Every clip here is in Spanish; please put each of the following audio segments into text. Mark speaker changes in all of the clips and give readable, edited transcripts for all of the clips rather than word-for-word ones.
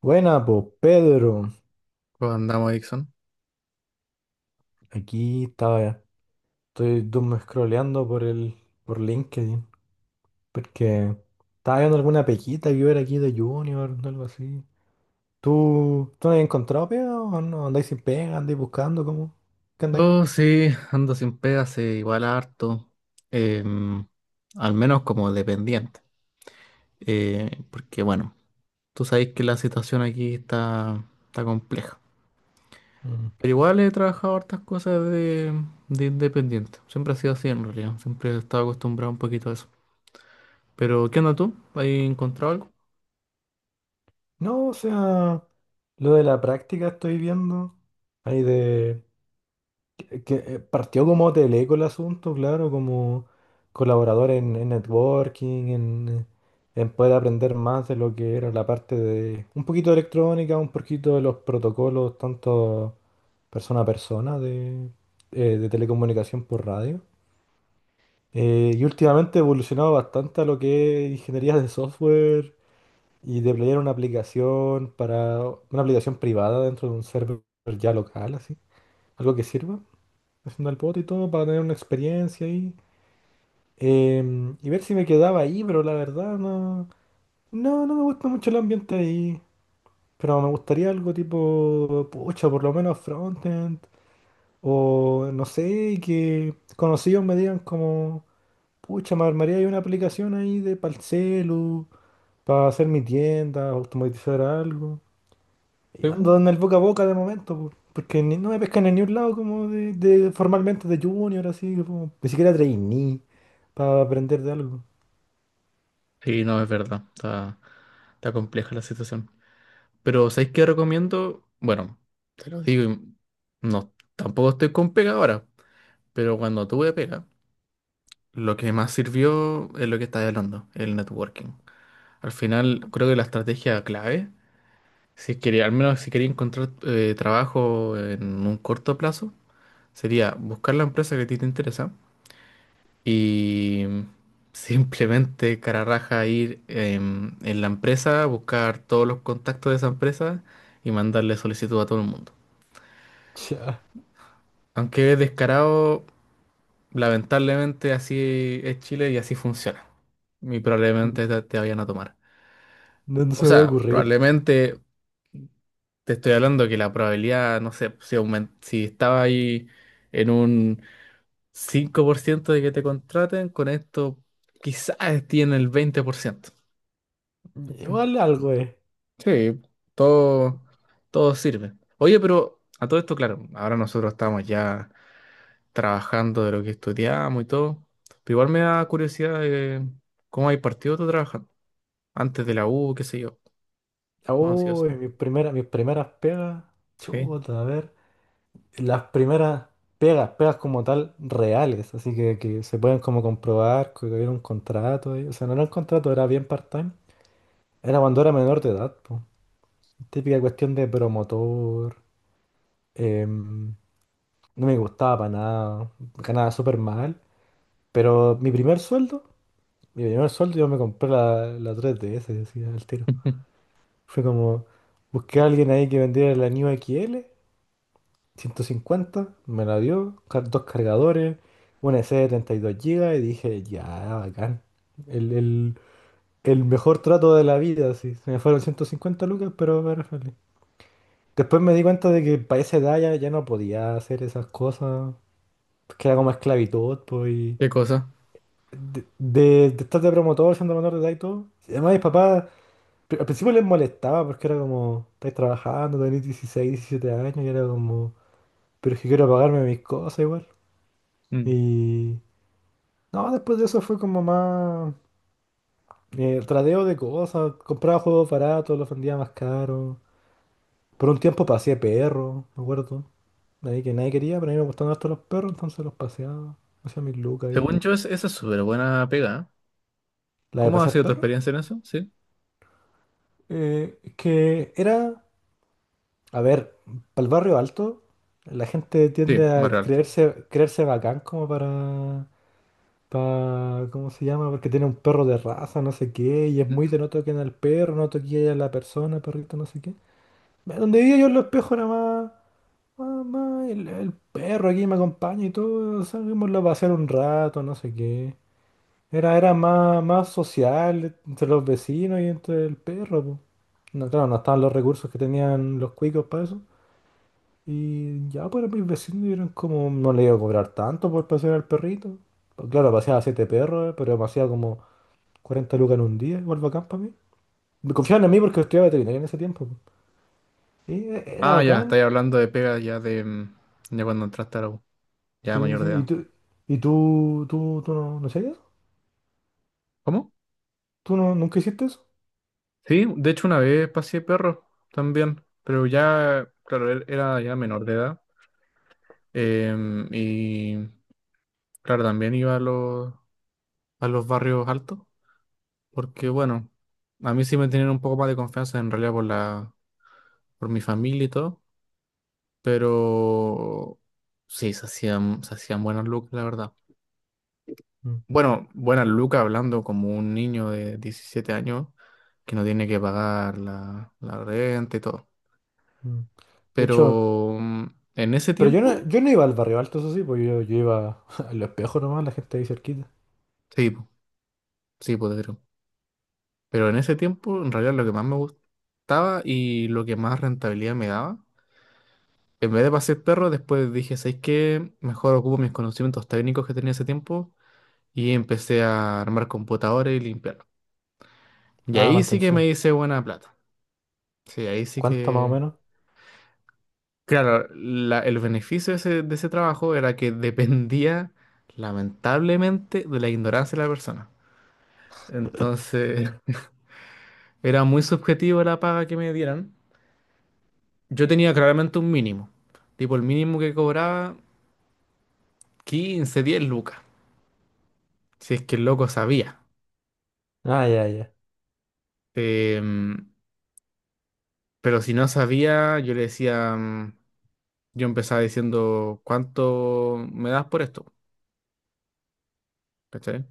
Speaker 1: Buena, pues Pedro.
Speaker 2: ¿Cómo andamos, Dixon?
Speaker 1: Aquí estaba, estoy doom scrolleando por LinkedIn, porque estaba viendo alguna pequita que ver aquí de Junior o algo así. ¿Tú no has encontrado pega o no? ¿Andáis sin pega? ¿Andáis buscando? ¿Cómo? ¿Qué andáis?
Speaker 2: Oh, sí, ando sin pega hace igual harto. em, Al menos como dependiente. Porque bueno, tú sabes que la situación aquí está compleja.
Speaker 1: Mm.
Speaker 2: Pero igual he trabajado hartas cosas de independiente. Siempre ha sido así en realidad. Siempre he estado acostumbrado un poquito a eso. Pero, ¿qué onda tú? ¿Has encontrado algo?
Speaker 1: No, o sea, lo de la práctica estoy viendo. Ahí de, que partió como Teleco el asunto, claro, como colaborador en networking, en poder aprender más de lo que era la parte de un poquito de electrónica, un poquito de los protocolos, tanto persona a persona de telecomunicación por radio. Y últimamente he evolucionado bastante a lo que es ingeniería de software y deployar una aplicación para una aplicación privada dentro de un server ya local, así, algo que sirva haciendo el bote y todo para tener una experiencia ahí. Y ver si me quedaba ahí, pero la verdad no me gusta mucho el ambiente ahí. Pero me gustaría algo tipo, pucha, por lo menos frontend. O no sé, que conocidos me digan como, pucha, me armaría ahí una aplicación ahí de para el celu, para hacer mi tienda, automatizar algo. Y
Speaker 2: Sí, po.
Speaker 1: ando en el boca a boca de momento, po, porque no me pescan en ningún lado como formalmente de junior, así como ni siquiera trainee para aprender de algo.
Speaker 2: Sí, no, es verdad. Está compleja la situación. Pero ¿sabéis qué recomiendo? Bueno, te lo digo, y no, tampoco estoy con pega ahora, pero cuando tuve pega, lo que más sirvió es lo que estás hablando, el networking. Al final, creo que la estrategia clave, si quería, al menos si quería encontrar trabajo en un corto plazo, sería buscar la empresa que a ti te interesa y simplemente cara raja ir en la empresa, buscar todos los contactos de esa empresa y mandarle solicitud a todo el mundo.
Speaker 1: Ya,
Speaker 2: Aunque es descarado, lamentablemente así es Chile y así funciona. Y probablemente te vayan a tomar.
Speaker 1: no, no
Speaker 2: O
Speaker 1: se me había
Speaker 2: sea,
Speaker 1: ocurrido.
Speaker 2: probablemente te estoy hablando que la probabilidad, no sé, si estaba ahí en un 5% de que te contraten, con esto quizás esté en el 20%. ¿Cierto?
Speaker 1: Igual algo es.
Speaker 2: Sí, todo, todo sirve. Oye, pero a todo esto, claro, ahora nosotros estamos ya trabajando de lo que estudiamos y todo. Pero igual me da curiosidad de cómo hay partido tú trabajando. Antes de la U, qué sé yo. Bueno, sí, eso.
Speaker 1: Uy, mis primeras pegas.
Speaker 2: Sí.
Speaker 1: Chuta, a ver. Las primeras pegas, pegas como tal, reales. Así que se pueden como comprobar que había un contrato ahí. O sea, no era un contrato, era bien part-time. Era cuando era menor de edad, po. Típica cuestión de promotor. Em, no me gustaba para nada, ganaba súper mal. Pero mi primer sueldo yo me compré la 3DS, decía al tiro. Fue como, busqué a alguien ahí que vendiera la New XL, 150, me la dio, dos cargadores, una SD de 32 GB y dije, ya, bacán. El, el, el mejor trato de la vida, sí. Se me fueron 150 lucas, pero me era feliz. Después me di cuenta de que para esa edad ya no podía hacer esas cosas. Pues queda como esclavitud, pues, y
Speaker 2: ¿Qué cosa?
Speaker 1: de estar de promotor, siendo menor de edad y todo. Además, mis papás al principio les molestaba porque era como, estáis trabajando, tenéis 16 17 años, y era como, pero es que quiero pagarme mis cosas igual.
Speaker 2: Mm.
Speaker 1: Y. No, después de eso fue como más, tradeo de cosas, compraba juegos baratos, los vendía más caros. Por un tiempo pasé perro, me acuerdo. Ahí que nadie quería, pero a mí me gustaban harto los perros, entonces los paseaba. Hacía mis lucas ahí.
Speaker 2: Según yo, esa es súper buena pega, ¿eh?
Speaker 1: ¿La de
Speaker 2: ¿Cómo ha
Speaker 1: pasear
Speaker 2: sido tu
Speaker 1: perros?
Speaker 2: experiencia en eso? Sí.
Speaker 1: Que era, a ver, para el barrio alto, la gente tiende
Speaker 2: Sí,
Speaker 1: a
Speaker 2: barrio alto.
Speaker 1: creerse, creerse bacán como para, ¿cómo se llama? Porque tiene un perro de raza, no sé qué, y es muy
Speaker 2: Ujú.
Speaker 1: de no toquen al perro, no toquen a la persona, perrito, no sé qué. Donde vivía yo en los espejos era más, el perro aquí me acompaña y todo, salimos a pasear un rato, no sé qué. Era más, social entre los vecinos y entre el perro, po. No, claro, no estaban los recursos que tenían los cuicos para eso. Y ya, pues mis vecinos eran como, no le iba a cobrar tanto por pasear al perrito. Pues, claro, paseaba siete perros, pero me hacía como 40 lucas en un día, igual bacán para mí. Me confiaban en mí porque estudiaba veterinaria en ese tiempo, po. Y era
Speaker 2: Ah, ya,
Speaker 1: bacán.
Speaker 2: estáis hablando de pega ya de, de cuando entraste a la U, ya
Speaker 1: Sí,
Speaker 2: mayor
Speaker 1: sí.
Speaker 2: de
Speaker 1: ¿Y
Speaker 2: edad.
Speaker 1: tú, y tú, tú, tú no hacías eso?
Speaker 2: ¿Cómo?
Speaker 1: ¿Tú no, nunca hiciste eso?
Speaker 2: Sí, de hecho una vez pasé perro también, pero ya, claro, él era ya menor de edad. em, y Claro, también iba a a los barrios altos, porque bueno, a mí sí me tenían un poco más de confianza en realidad por por mi familia y todo, pero sí, se hacían buenas lucas, la verdad.
Speaker 1: Mm,
Speaker 2: Bueno, buenas lucas hablando como un niño de 17 años que no tiene que pagar la renta y todo.
Speaker 1: mm. De hecho.
Speaker 2: Pero en ese
Speaker 1: Pero yo no,
Speaker 2: tiempo,
Speaker 1: yo no iba al barrio alto, eso sí, pues yo iba al espejo nomás, la gente ahí cerquita.
Speaker 2: sí, po, sí, pues creo. Pero en ese tiempo, en realidad lo que más me gustaba y lo que más rentabilidad me daba. En vez de pasear perro, después dije, ¿sabes qué? Mejor ocupo mis conocimientos técnicos que tenía hace tiempo y empecé a armar computadores y limpiar. Y
Speaker 1: Ah,
Speaker 2: ahí sí que me
Speaker 1: mantención.
Speaker 2: hice buena plata. Sí, ahí sí
Speaker 1: ¿Cuánto más o
Speaker 2: que...
Speaker 1: menos?
Speaker 2: Claro, el beneficio de de ese trabajo era que dependía, lamentablemente, de la ignorancia de la persona. Entonces, era muy subjetivo la paga que me dieran. Yo tenía claramente un mínimo. Tipo, el mínimo que cobraba, 15 10 lucas. Si es que el loco sabía.
Speaker 1: Ah, ya, ya.
Speaker 2: Em, pero si no sabía, yo le decía, yo empezaba diciendo, ¿cuánto me das por esto? ¿Cachai?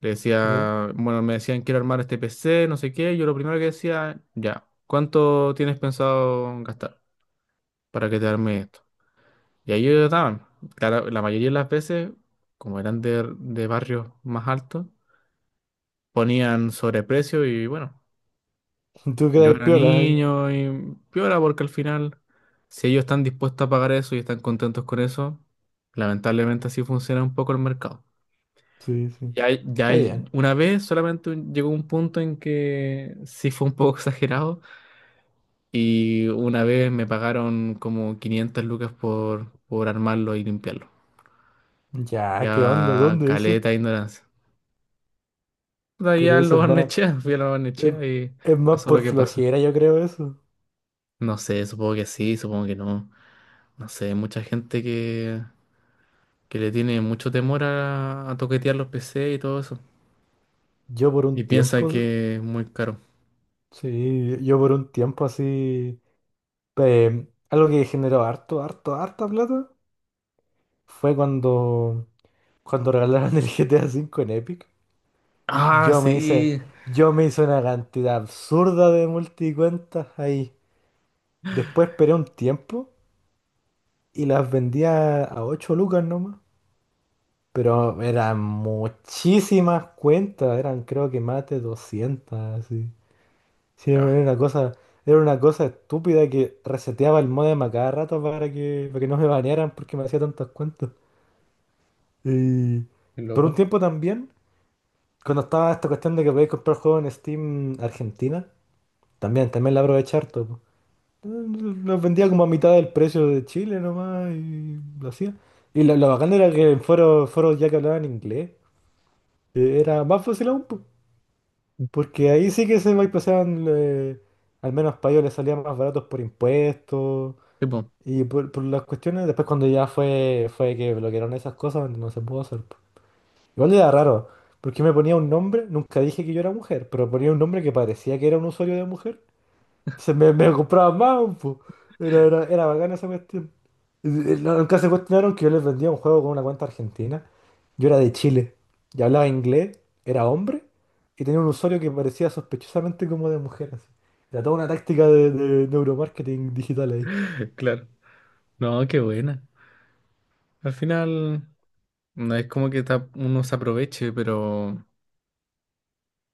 Speaker 2: Le
Speaker 1: Ya.
Speaker 2: decía, bueno, me decían, quiero armar este PC, no sé qué. Yo lo primero que decía, ya, ¿cuánto tienes pensado gastar para que te arme esto? Y ahí ellos daban. Claro, la mayoría de las veces, como eran de barrios más altos, ponían sobreprecio y bueno,
Speaker 1: Tú
Speaker 2: yo
Speaker 1: quedas
Speaker 2: era
Speaker 1: piola ahí.
Speaker 2: niño y piola porque al final, si ellos están dispuestos a pagar eso y están contentos con eso, lamentablemente así funciona un poco el mercado.
Speaker 1: Sí, sí. Está bien.
Speaker 2: Una vez solamente llegó un punto en que sí fue un poco exagerado y una vez me pagaron como 500 lucas por armarlo y limpiarlo.
Speaker 1: Ya, ¿qué onda?
Speaker 2: Ya
Speaker 1: ¿Dónde eso?
Speaker 2: caleta de ignorancia. De ahí
Speaker 1: Pero
Speaker 2: a
Speaker 1: eso
Speaker 2: lo
Speaker 1: es
Speaker 2: barnechea, fui a la
Speaker 1: es,
Speaker 2: barnechea y
Speaker 1: más
Speaker 2: pasó lo
Speaker 1: por
Speaker 2: que pasó.
Speaker 1: flojera, yo creo eso.
Speaker 2: No sé, supongo que sí, supongo que no. No sé, mucha gente que le tiene mucho temor a toquetear los PC y todo eso.
Speaker 1: Yo por
Speaker 2: Y
Speaker 1: un
Speaker 2: piensa
Speaker 1: tiempo,
Speaker 2: que es muy caro.
Speaker 1: sí, yo por un tiempo así, algo que generó harto, harto, harta plata fue cuando, regalaron el GTA V en Epic.
Speaker 2: Ah,
Speaker 1: Yo me hice,
Speaker 2: sí.
Speaker 1: yo me hice una cantidad absurda de multicuentas ahí. Después esperé un tiempo y las vendía a 8 lucas nomás. Pero eran muchísimas cuentas, eran creo que más de 200 así. Sí,
Speaker 2: Ah,
Speaker 1: era una cosa estúpida que reseteaba el modem a cada rato para que no me banearan porque me hacía tantas cuentas. Y
Speaker 2: qué
Speaker 1: por un
Speaker 2: loco.
Speaker 1: tiempo también, cuando estaba esta cuestión de que podéis comprar juegos en Steam Argentina. También la aproveché harto, po. Los vendía como a mitad del precio de Chile nomás y lo hacía. Y lo bacán era que en foros, ya que hablaban inglés, era más fácil aún, po. Porque ahí sí que se bypasaban, al menos para ellos les salían más baratos por impuestos
Speaker 2: Sí, po.
Speaker 1: y por las cuestiones. Después cuando ya fue que bloquearon esas cosas, no se pudo hacer, po. Igual era raro, porque me ponía un nombre, nunca dije que yo era mujer, pero ponía un nombre que parecía que era un usuario de mujer. Se me compraba más, po. Era bacana esa cuestión. Nunca se cuestionaron que yo les vendía un juego con una cuenta argentina. Yo era de Chile y hablaba inglés, era hombre y tenía un usuario que parecía sospechosamente como de mujer, así. Era toda una táctica de neuromarketing digital ahí.
Speaker 2: Claro. No, qué buena. Al final, no es como que uno se aproveche, pero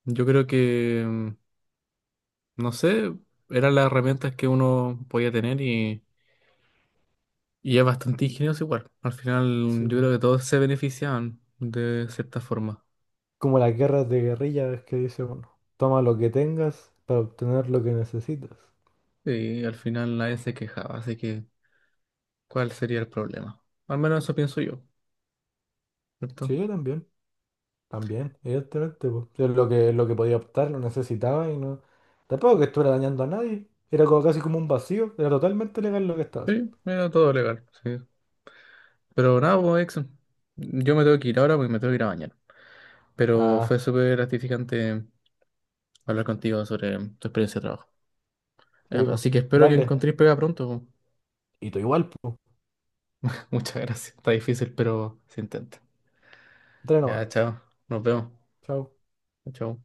Speaker 2: yo creo que, no sé, eran las herramientas que uno podía tener y es bastante ingenioso igual. Al final,
Speaker 1: Sí,
Speaker 2: yo
Speaker 1: po.
Speaker 2: creo que todos se beneficiaban de cierta forma.
Speaker 1: Como las guerras de guerrillas que dice uno. Toma lo que tengas para obtener lo que necesitas.
Speaker 2: Y al final nadie se quejaba, así que ¿cuál sería el problema? Al menos eso pienso yo, ¿cierto?
Speaker 1: Sí, yo también. También, evidentemente, pues. Es lo que podía optar, lo necesitaba y no. Tampoco que estuviera dañando a nadie. Era como casi como un vacío. Era totalmente legal lo que estaba haciendo.
Speaker 2: Sí, mira, todo legal, sí. Pero nada, pues, Exxon, yo me tengo que ir ahora porque me tengo que ir a bañar. Pero fue
Speaker 1: Ah,
Speaker 2: súper gratificante hablar contigo sobre tu experiencia de trabajo.
Speaker 1: sí, pues.
Speaker 2: Así que espero que
Speaker 1: Dale.
Speaker 2: encontréis pega pronto.
Speaker 1: Y tú igual, pues.
Speaker 2: Muchas gracias. Está difícil, pero se intenta.
Speaker 1: Dale
Speaker 2: Ya,
Speaker 1: nomás.
Speaker 2: chao. Nos vemos.
Speaker 1: Chao.
Speaker 2: Chao.